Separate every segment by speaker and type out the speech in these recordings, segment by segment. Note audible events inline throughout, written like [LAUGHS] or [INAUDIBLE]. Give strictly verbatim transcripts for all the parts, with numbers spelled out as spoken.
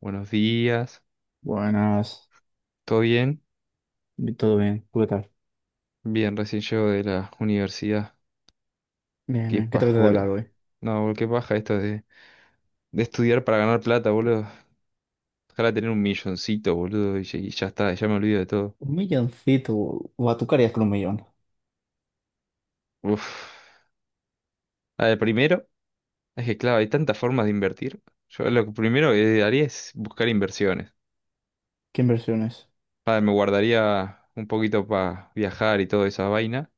Speaker 1: Buenos días,
Speaker 2: Buenas,
Speaker 1: ¿todo bien?
Speaker 2: todo bien, ¿tú qué tal?
Speaker 1: Bien, recién llego de la universidad.
Speaker 2: Bien,
Speaker 1: Qué
Speaker 2: bien, ¿qué te
Speaker 1: paja,
Speaker 2: apetece hablar
Speaker 1: boludo.
Speaker 2: hoy?
Speaker 1: No, boludo, qué paja esto de, de estudiar para ganar plata, boludo. Ojalá tener un milloncito, boludo, y, ya y ya está, ya me olvido de todo.
Speaker 2: Un milloncito, o a tú qué harías con un millón.
Speaker 1: Uf. A ver, primero, es que claro, hay tantas formas de invertir. Yo lo que primero que haría es buscar inversiones.
Speaker 2: ¿Qué inversiones?
Speaker 1: A ver, me guardaría un poquito para viajar y toda esa vaina,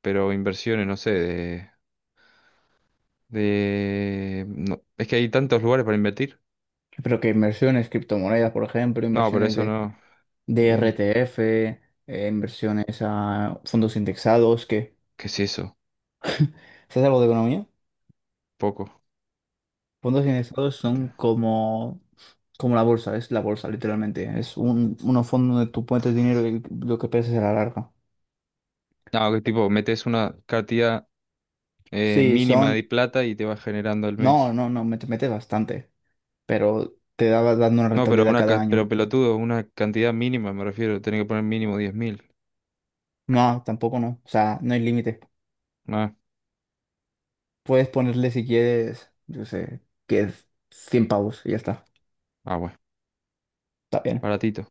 Speaker 1: pero inversiones, no sé, de... de... no, es que hay tantos lugares para invertir.
Speaker 2: Pero que inversiones, criptomonedas, por ejemplo,
Speaker 1: No, pero
Speaker 2: inversiones
Speaker 1: eso
Speaker 2: de,
Speaker 1: no.
Speaker 2: de
Speaker 1: Eh,
Speaker 2: R T F, eh, inversiones a fondos indexados, qué.
Speaker 1: ¿qué es eso?
Speaker 2: ¿Sabes algo de economía?
Speaker 1: Poco.
Speaker 2: Fondos indexados son como, como la bolsa, es la bolsa, literalmente. Es un, unos fondos donde tú pones dinero y lo que pierdes a la larga.
Speaker 1: No, que tipo, metes una cantidad eh,
Speaker 2: Sí,
Speaker 1: mínima de
Speaker 2: son...
Speaker 1: plata y te vas generando al
Speaker 2: No,
Speaker 1: mes.
Speaker 2: no, no, me, metes bastante. Pero te daba dando una
Speaker 1: No, pero
Speaker 2: rentabilidad
Speaker 1: una
Speaker 2: cada
Speaker 1: ca- pero
Speaker 2: año.
Speaker 1: pelotudo, una cantidad mínima, me refiero, tenés que poner mínimo diez mil.
Speaker 2: No, tampoco no, o sea, no hay límite.
Speaker 1: Ah,
Speaker 2: Puedes ponerle si quieres, yo sé, que es cien pavos y ya está,
Speaker 1: ah, bueno,
Speaker 2: está bien.
Speaker 1: baratito.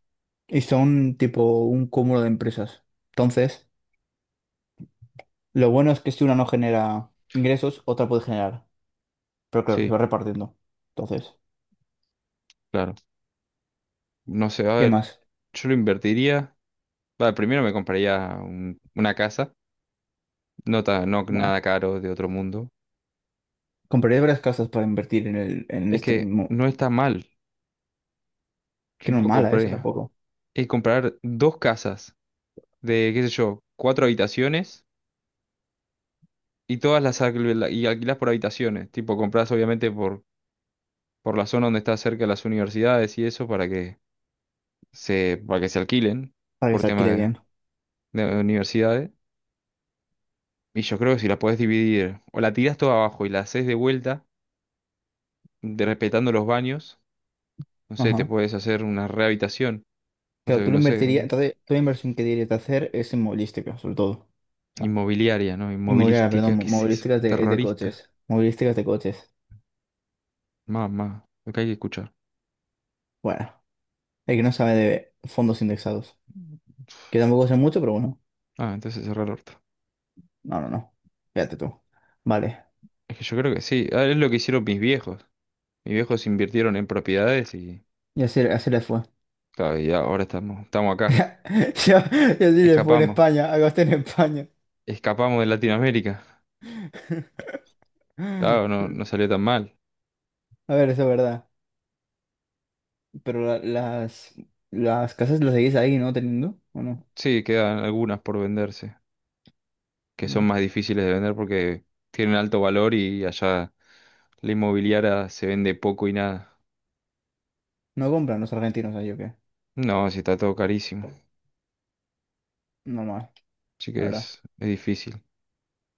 Speaker 2: Y son tipo un cúmulo de empresas. Entonces, lo bueno es que si una no genera ingresos, otra puede generar, pero claro, se va
Speaker 1: Sí,
Speaker 2: repartiendo. Entonces,
Speaker 1: claro. No sé, a
Speaker 2: ¿qué
Speaker 1: ver,
Speaker 2: más?
Speaker 1: yo lo invertiría. Vale, primero me compraría un- una casa, no, ta- no
Speaker 2: Bueno,
Speaker 1: nada caro de otro mundo.
Speaker 2: compraría varias casas para invertir en el, en
Speaker 1: Es
Speaker 2: este,
Speaker 1: que
Speaker 2: inmo-
Speaker 1: no está mal,
Speaker 2: que no es
Speaker 1: tipo,
Speaker 2: mala esa
Speaker 1: compraría.
Speaker 2: tampoco,
Speaker 1: Y comprar dos casas de, qué sé yo, cuatro habitaciones. Y todas las alquil- y alquilás por habitaciones, tipo compras obviamente por, por la zona donde está cerca las universidades y eso para que se, para que se alquilen
Speaker 2: para que
Speaker 1: por
Speaker 2: se alquile
Speaker 1: tema
Speaker 2: bien.
Speaker 1: de, de universidades. Y yo creo que si la podés dividir o la tirás toda abajo y la haces de vuelta, de- respetando los baños, no sé, te
Speaker 2: Ajá.
Speaker 1: puedes hacer una rehabilitación, o
Speaker 2: Claro,
Speaker 1: sea,
Speaker 2: tú lo
Speaker 1: no sé,
Speaker 2: invertirías, entonces, tú la inversión que dirías de hacer es inmovilística, sobre todo. O sea,
Speaker 1: inmobiliaria, ¿no?
Speaker 2: inmobiliaria,
Speaker 1: Inmovilística,
Speaker 2: perdón, mo-
Speaker 1: ¿qué es eso?
Speaker 2: movilística es de, es de
Speaker 1: Terrorista.
Speaker 2: coches. Movilísticas de coches.
Speaker 1: Mamá, lo que hay que escuchar.
Speaker 2: Bueno, el que no sabe de fondos indexados. Que tampoco sé mucho, pero bueno.
Speaker 1: Ah, entonces cerrar el orto.
Speaker 2: No, no, no. Fíjate tú. Vale.
Speaker 1: Es que yo creo que sí, ah, es lo que hicieron mis viejos. Mis viejos invirtieron en propiedades y,
Speaker 2: Y así, así le fue.
Speaker 1: claro, y ahora estamos, estamos acá.
Speaker 2: [LAUGHS] Y así le fue en
Speaker 1: Escapamos.
Speaker 2: España, a gastar en España.
Speaker 1: Escapamos de Latinoamérica.
Speaker 2: [LAUGHS] A
Speaker 1: Claro, no, no salió tan mal.
Speaker 2: ver, eso es verdad. Pero la- las, las casas las seguís ahí, ¿no? Teniendo, ¿o no?
Speaker 1: Sí, quedan algunas por venderse, que son
Speaker 2: Mm.
Speaker 1: más difíciles de vender porque tienen alto valor y allá la inmobiliaria se vende poco y nada.
Speaker 2: ¿No compran los argentinos ahí, o qué?
Speaker 1: No, sí está todo carísimo.
Speaker 2: Normal,
Speaker 1: Así
Speaker 2: la
Speaker 1: que
Speaker 2: verdad.
Speaker 1: es, es difícil.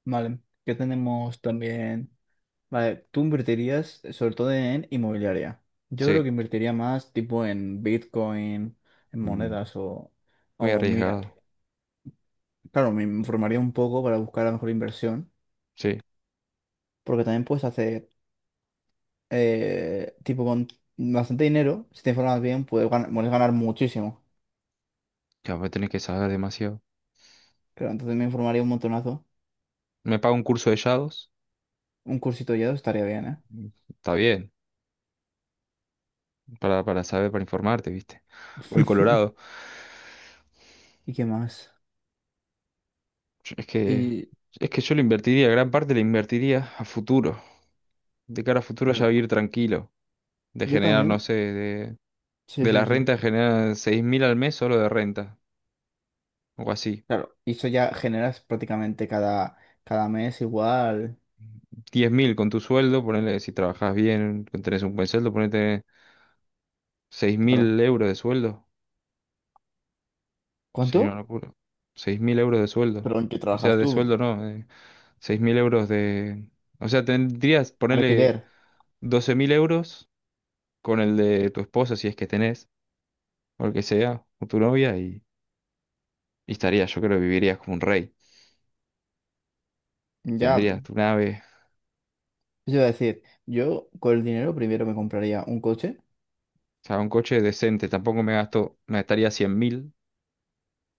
Speaker 2: Vale, qué tenemos también. Vale, tú invertirías eh, sobre todo en inmobiliaria. Yo creo que
Speaker 1: Sí,
Speaker 2: invertiría más tipo en Bitcoin, en
Speaker 1: mm,
Speaker 2: monedas o,
Speaker 1: muy
Speaker 2: o mi-
Speaker 1: arriesgado.
Speaker 2: claro, me informaría un poco para buscar la mejor inversión,
Speaker 1: Sí,
Speaker 2: porque también puedes hacer eh, tipo con bastante dinero, si te informas bien, puedes ganar, puedes ganar muchísimo.
Speaker 1: claro, tenés que saber demasiado.
Speaker 2: Claro, entonces me informaría un montonazo.
Speaker 1: Me pago un curso de yados.
Speaker 2: Un cursito ya estaría bien, ¿eh?
Speaker 1: Mm, está bien. para, para saber, para informarte, ¿viste? O el
Speaker 2: [LAUGHS]
Speaker 1: Colorado.
Speaker 2: ¿Y qué más?
Speaker 1: Es que,
Speaker 2: Y
Speaker 1: es que yo lo invertiría, gran parte la invertiría a futuro. De cara a futuro ya
Speaker 2: claro,
Speaker 1: vivir tranquilo. De
Speaker 2: yo
Speaker 1: generar, no
Speaker 2: también,
Speaker 1: sé, de,
Speaker 2: sí,
Speaker 1: de
Speaker 2: sí,
Speaker 1: las
Speaker 2: sí.
Speaker 1: rentas generar seis mil al mes solo de renta. O así.
Speaker 2: Claro, y eso ya generas prácticamente cada, cada mes igual.
Speaker 1: Diez mil con tu sueldo, ponele, si trabajas bien, tenés un buen sueldo, ponete seis
Speaker 2: Claro.
Speaker 1: mil euros de sueldo.
Speaker 2: ¿Cuánto?
Speaker 1: Sería una locura. Seis mil euros de sueldo.
Speaker 2: ¿Pero en qué
Speaker 1: O sea,
Speaker 2: trabajas
Speaker 1: de
Speaker 2: tú?
Speaker 1: sueldo no, eh, seis mil euros de... o sea, tendrías, ponele
Speaker 2: Alquiler.
Speaker 1: doce mil euros con el de tu esposa, si es que tenés, o el que sea, o tu novia, y, y estaría, yo creo que vivirías como un rey.
Speaker 2: Ya,
Speaker 1: Tendrías tu nave,
Speaker 2: yo iba a decir, yo con el dinero primero me compraría un coche.
Speaker 1: o sea, un coche decente. Tampoco me gasto, me gastaría cien mil,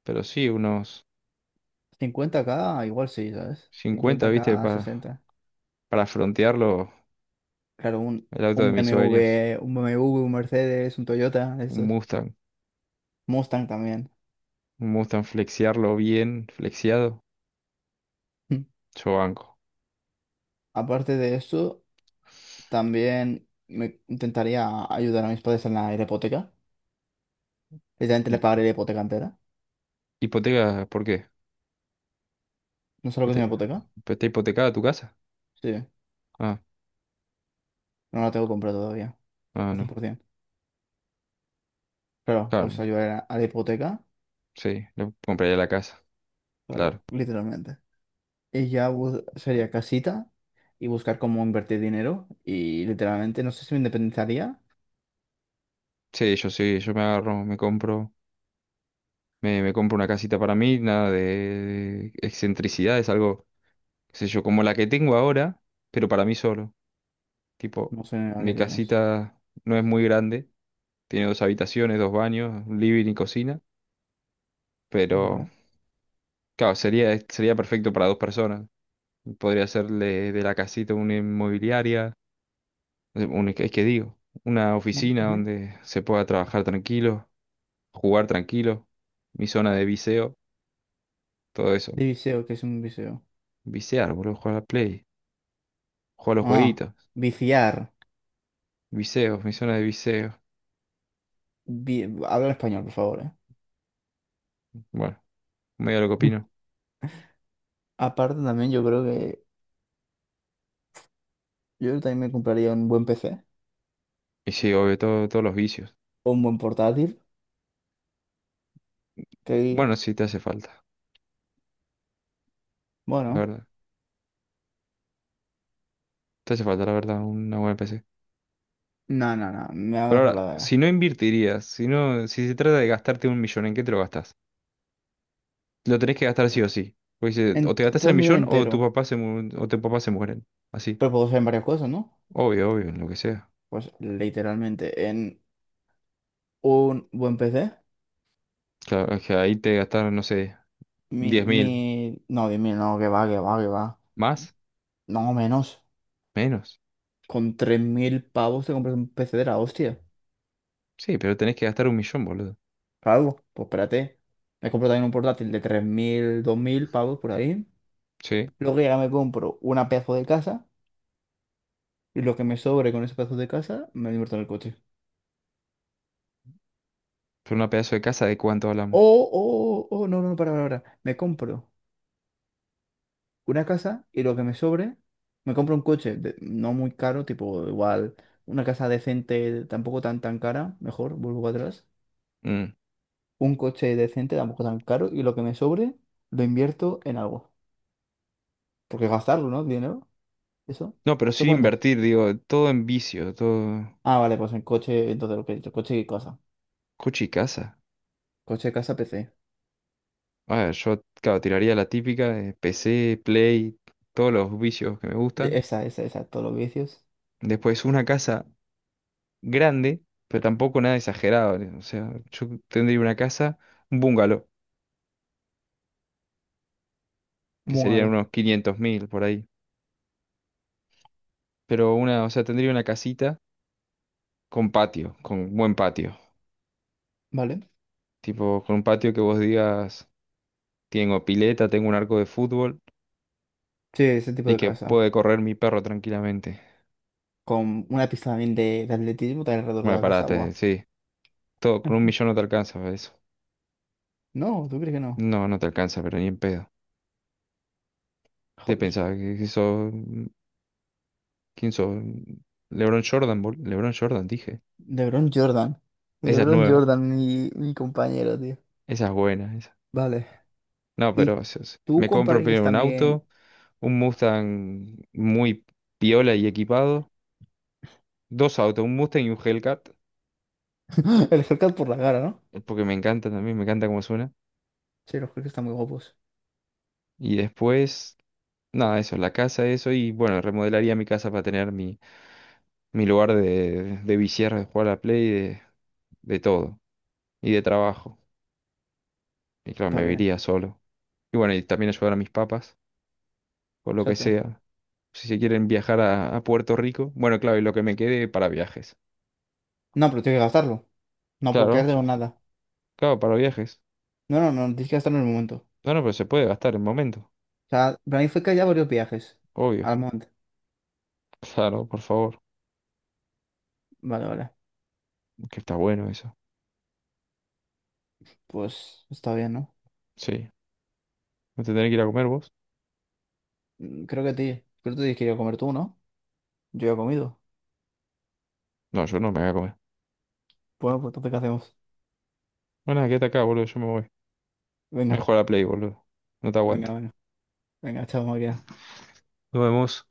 Speaker 1: pero sí, unos
Speaker 2: Cincuenta k igual sí, sabes cincuenta
Speaker 1: cincuenta, ¿viste?
Speaker 2: 50k,
Speaker 1: Para,
Speaker 2: sesenta.
Speaker 1: para frontearlo,
Speaker 2: Claro, un,
Speaker 1: el auto de
Speaker 2: un
Speaker 1: mis sueños.
Speaker 2: B M W, un B M W, un Mercedes, un Toyota, de
Speaker 1: Un
Speaker 2: estos.
Speaker 1: Mustang,
Speaker 2: Mustang también.
Speaker 1: un Mustang, flexiarlo bien, flexiado,
Speaker 2: [LAUGHS]
Speaker 1: yo banco.
Speaker 2: Aparte de eso, también me intentaría ayudar a mis padres en la hipoteca. Literalmente le
Speaker 1: Hi-
Speaker 2: pagaré la hipoteca entera.
Speaker 1: ¿Hipoteca, por qué?
Speaker 2: No sé lo que es
Speaker 1: ¿Está
Speaker 2: una hipoteca.
Speaker 1: está hipotecada tu casa?
Speaker 2: Sí,
Speaker 1: Ah,
Speaker 2: no la tengo comprada todavía,
Speaker 1: ah,
Speaker 2: al
Speaker 1: no.
Speaker 2: cien por ciento. Claro,
Speaker 1: Claro,
Speaker 2: pues ayudar a, a la hipoteca,
Speaker 1: sí, le compraría la casa,
Speaker 2: claro,
Speaker 1: claro.
Speaker 2: literalmente. Y ya bu- sería casita y buscar cómo invertir dinero. Y literalmente, no sé si me independizaría.
Speaker 1: Sí, yo sí, yo me agarro, me compro, me, me compro una casita para mí, nada de excentricidades, algo, qué sé yo, como la que tengo ahora, pero para mí solo. Tipo,
Speaker 2: No sé a qué
Speaker 1: mi
Speaker 2: tienes.
Speaker 1: casita no es muy grande, tiene dos habitaciones, dos baños, un living y cocina, pero
Speaker 2: Vale.
Speaker 1: claro, sería, sería perfecto para dos personas. Podría hacerle de la casita una inmobiliaria, eh, un, es que digo, una
Speaker 2: Bueno,
Speaker 1: oficina
Speaker 2: bueno.
Speaker 1: donde se pueda trabajar tranquilo, jugar tranquilo, mi zona de viseo, todo eso.
Speaker 2: De viseo, ¿qué es un viseo?
Speaker 1: Visear, boludo, jugar a la Play. Jugar a los
Speaker 2: Ah,
Speaker 1: jueguitos.
Speaker 2: viciar.
Speaker 1: Viseos, misiones de viseos.
Speaker 2: Vi- Habla en español, por favor, ¿eh?
Speaker 1: Bueno, medio lo que opino.
Speaker 2: [LAUGHS] Aparte también yo creo que yo también me compraría un buen P C
Speaker 1: Y sí, obvio, todo- todos los vicios.
Speaker 2: o un buen portátil. Que,
Speaker 1: Bueno, sí, te hace falta, la
Speaker 2: bueno,
Speaker 1: verdad. Te hace falta, la verdad, una buena P C.
Speaker 2: no, no, no, me ha
Speaker 1: Pero ahora,
Speaker 2: mejorado
Speaker 1: si no invertirías, si no, si se trata de gastarte un millón, ¿en qué te lo gastas? Lo tenés que gastar sí o sí. Porque si- o
Speaker 2: en
Speaker 1: te
Speaker 2: t-
Speaker 1: gastas
Speaker 2: todo
Speaker 1: el
Speaker 2: el millón
Speaker 1: millón o tu
Speaker 2: entero.
Speaker 1: papá se mu- o tu papá se mueren. Así.
Speaker 2: Pero puedo usar en varias cosas, ¿no?
Speaker 1: Obvio, obvio, en lo que sea.
Speaker 2: Pues literalmente en un buen P C.
Speaker 1: Claro, es que ahí te gastaron, no sé,
Speaker 2: Mi,
Speaker 1: diez
Speaker 2: mi...
Speaker 1: mil.
Speaker 2: No, diez mil no, que va, que va, que va.
Speaker 1: ¿Más?
Speaker 2: No, menos.
Speaker 1: ¿Menos?
Speaker 2: Con tres mil pavos te compras un P C de la hostia.
Speaker 1: Sí, pero tenés que gastar un millón, boludo.
Speaker 2: Claro, pues espérate. Me compro también un portátil de tres mil dos mil pavos por ahí.
Speaker 1: Sí.
Speaker 2: Luego ya me compro una pedazo de casa. Y lo que me sobre con ese pedazo de casa, me lo invierto en el coche.
Speaker 1: Pero una pedazo de casa, ¿de cuánto hablamos?
Speaker 2: Oh, oh, oh, no, no, para, para, para. Me compro una casa y lo que me sobre, me compro un coche, de- no muy caro, tipo igual una casa decente, tampoco tan tan cara, mejor, vuelvo atrás.
Speaker 1: Mm.
Speaker 2: Un coche decente, tampoco tan caro, y lo que me sobre, lo invierto en algo. Porque gastarlo, ¿no? Dinero, eso,
Speaker 1: No, pero
Speaker 2: eso
Speaker 1: sin
Speaker 2: cuenta.
Speaker 1: invertir, digo, todo en vicio, todo
Speaker 2: Ah, vale, pues en coche, entonces lo que he dicho, coche y casa.
Speaker 1: coche y casa.
Speaker 2: Coche, casa, P C.
Speaker 1: Ah, yo, claro, tiraría la típica de P C, Play, todos los vicios que me
Speaker 2: De-
Speaker 1: gustan.
Speaker 2: Esa, esa, esa, todos los vicios.
Speaker 1: Después una casa grande, pero tampoco nada exagerado, ¿no? O sea, yo tendría una casa, un bungalow, que
Speaker 2: Muy
Speaker 1: serían
Speaker 2: malo,
Speaker 1: unos quinientos mil por ahí. Pero una, o sea, tendría una casita con patio, con buen patio.
Speaker 2: ¿vale?
Speaker 1: Tipo, con un patio que vos digas, tengo pileta, tengo un arco de fútbol.
Speaker 2: Sí, ese tipo
Speaker 1: Y
Speaker 2: de
Speaker 1: que
Speaker 2: casa.
Speaker 1: puede correr mi perro tranquilamente.
Speaker 2: Con una pista también de, de atletismo también alrededor de
Speaker 1: Bueno,
Speaker 2: la casa, guau.
Speaker 1: parate, sí. Todo con un
Speaker 2: [LAUGHS]
Speaker 1: millón no te alcanza para eso.
Speaker 2: No, ¿tú crees que no?
Speaker 1: No, no te alcanza, pero ni en pedo. ¿Te
Speaker 2: Joder.
Speaker 1: pensaba que que sos... ¿Quién sos? LeBron Jordan, bol- LeBron Jordan, dije.
Speaker 2: LeBron Jordan.
Speaker 1: Esa es
Speaker 2: LeBron
Speaker 1: nueva,
Speaker 2: Jordan, mi, mi compañero, tío.
Speaker 1: esa es buena, esa.
Speaker 2: Vale.
Speaker 1: No,
Speaker 2: Y
Speaker 1: pero es- es-
Speaker 2: tú
Speaker 1: me compro
Speaker 2: comprarías
Speaker 1: primero un
Speaker 2: también
Speaker 1: auto, un Mustang muy piola y equipado, dos autos, un Mustang y un Hellcat,
Speaker 2: [LAUGHS] el haircut por la cara, ¿no?
Speaker 1: eh, porque me encanta también, me encanta cómo suena.
Speaker 2: Sí, los Hellcats están muy guapos.
Speaker 1: Y después, nada, eso, la casa, eso, y bueno, remodelaría mi casa para tener mi mi lugar de, de viciar, de jugar a la Play, de, de todo, y de trabajo. Y claro,
Speaker 2: Está
Speaker 1: me
Speaker 2: bien.
Speaker 1: viría solo. Y bueno, y también ayudar a mis papas, o lo que
Speaker 2: Exacto.
Speaker 1: sea. Si se quieren viajar a, a Puerto Rico, bueno, claro, y lo que me quede para viajes.
Speaker 2: No, pero tienes que gastarlo. No puedo
Speaker 1: Claro,
Speaker 2: quedarte con nada.
Speaker 1: claro, para viajes.
Speaker 2: No, no, no, tienes que gastarlo en el momento. O
Speaker 1: No, no, pero se puede gastar en momento,
Speaker 2: sea, para mí fue que ya varios viajes
Speaker 1: obvio. [LAUGHS]
Speaker 2: al monte.
Speaker 1: Claro, por favor,
Speaker 2: Vale, vale.
Speaker 1: que está bueno eso.
Speaker 2: Pues está bien, ¿no?
Speaker 1: Sí. ¿No te tenés que ir a comer vos?
Speaker 2: Mm, Creo que te, creo que te tienes que ir a comer tú, ¿no? Yo ya he comido.
Speaker 1: No, yo no me voy a comer.
Speaker 2: Bueno, pues entonces, ¿qué hacemos?
Speaker 1: Bueno, nada, quédate acá, boludo, yo me voy. Me voy a jugar
Speaker 2: Venga,
Speaker 1: a la Play, boludo. No te
Speaker 2: venga,
Speaker 1: aguanto.
Speaker 2: venga. Venga, chao, María.
Speaker 1: Nos vemos.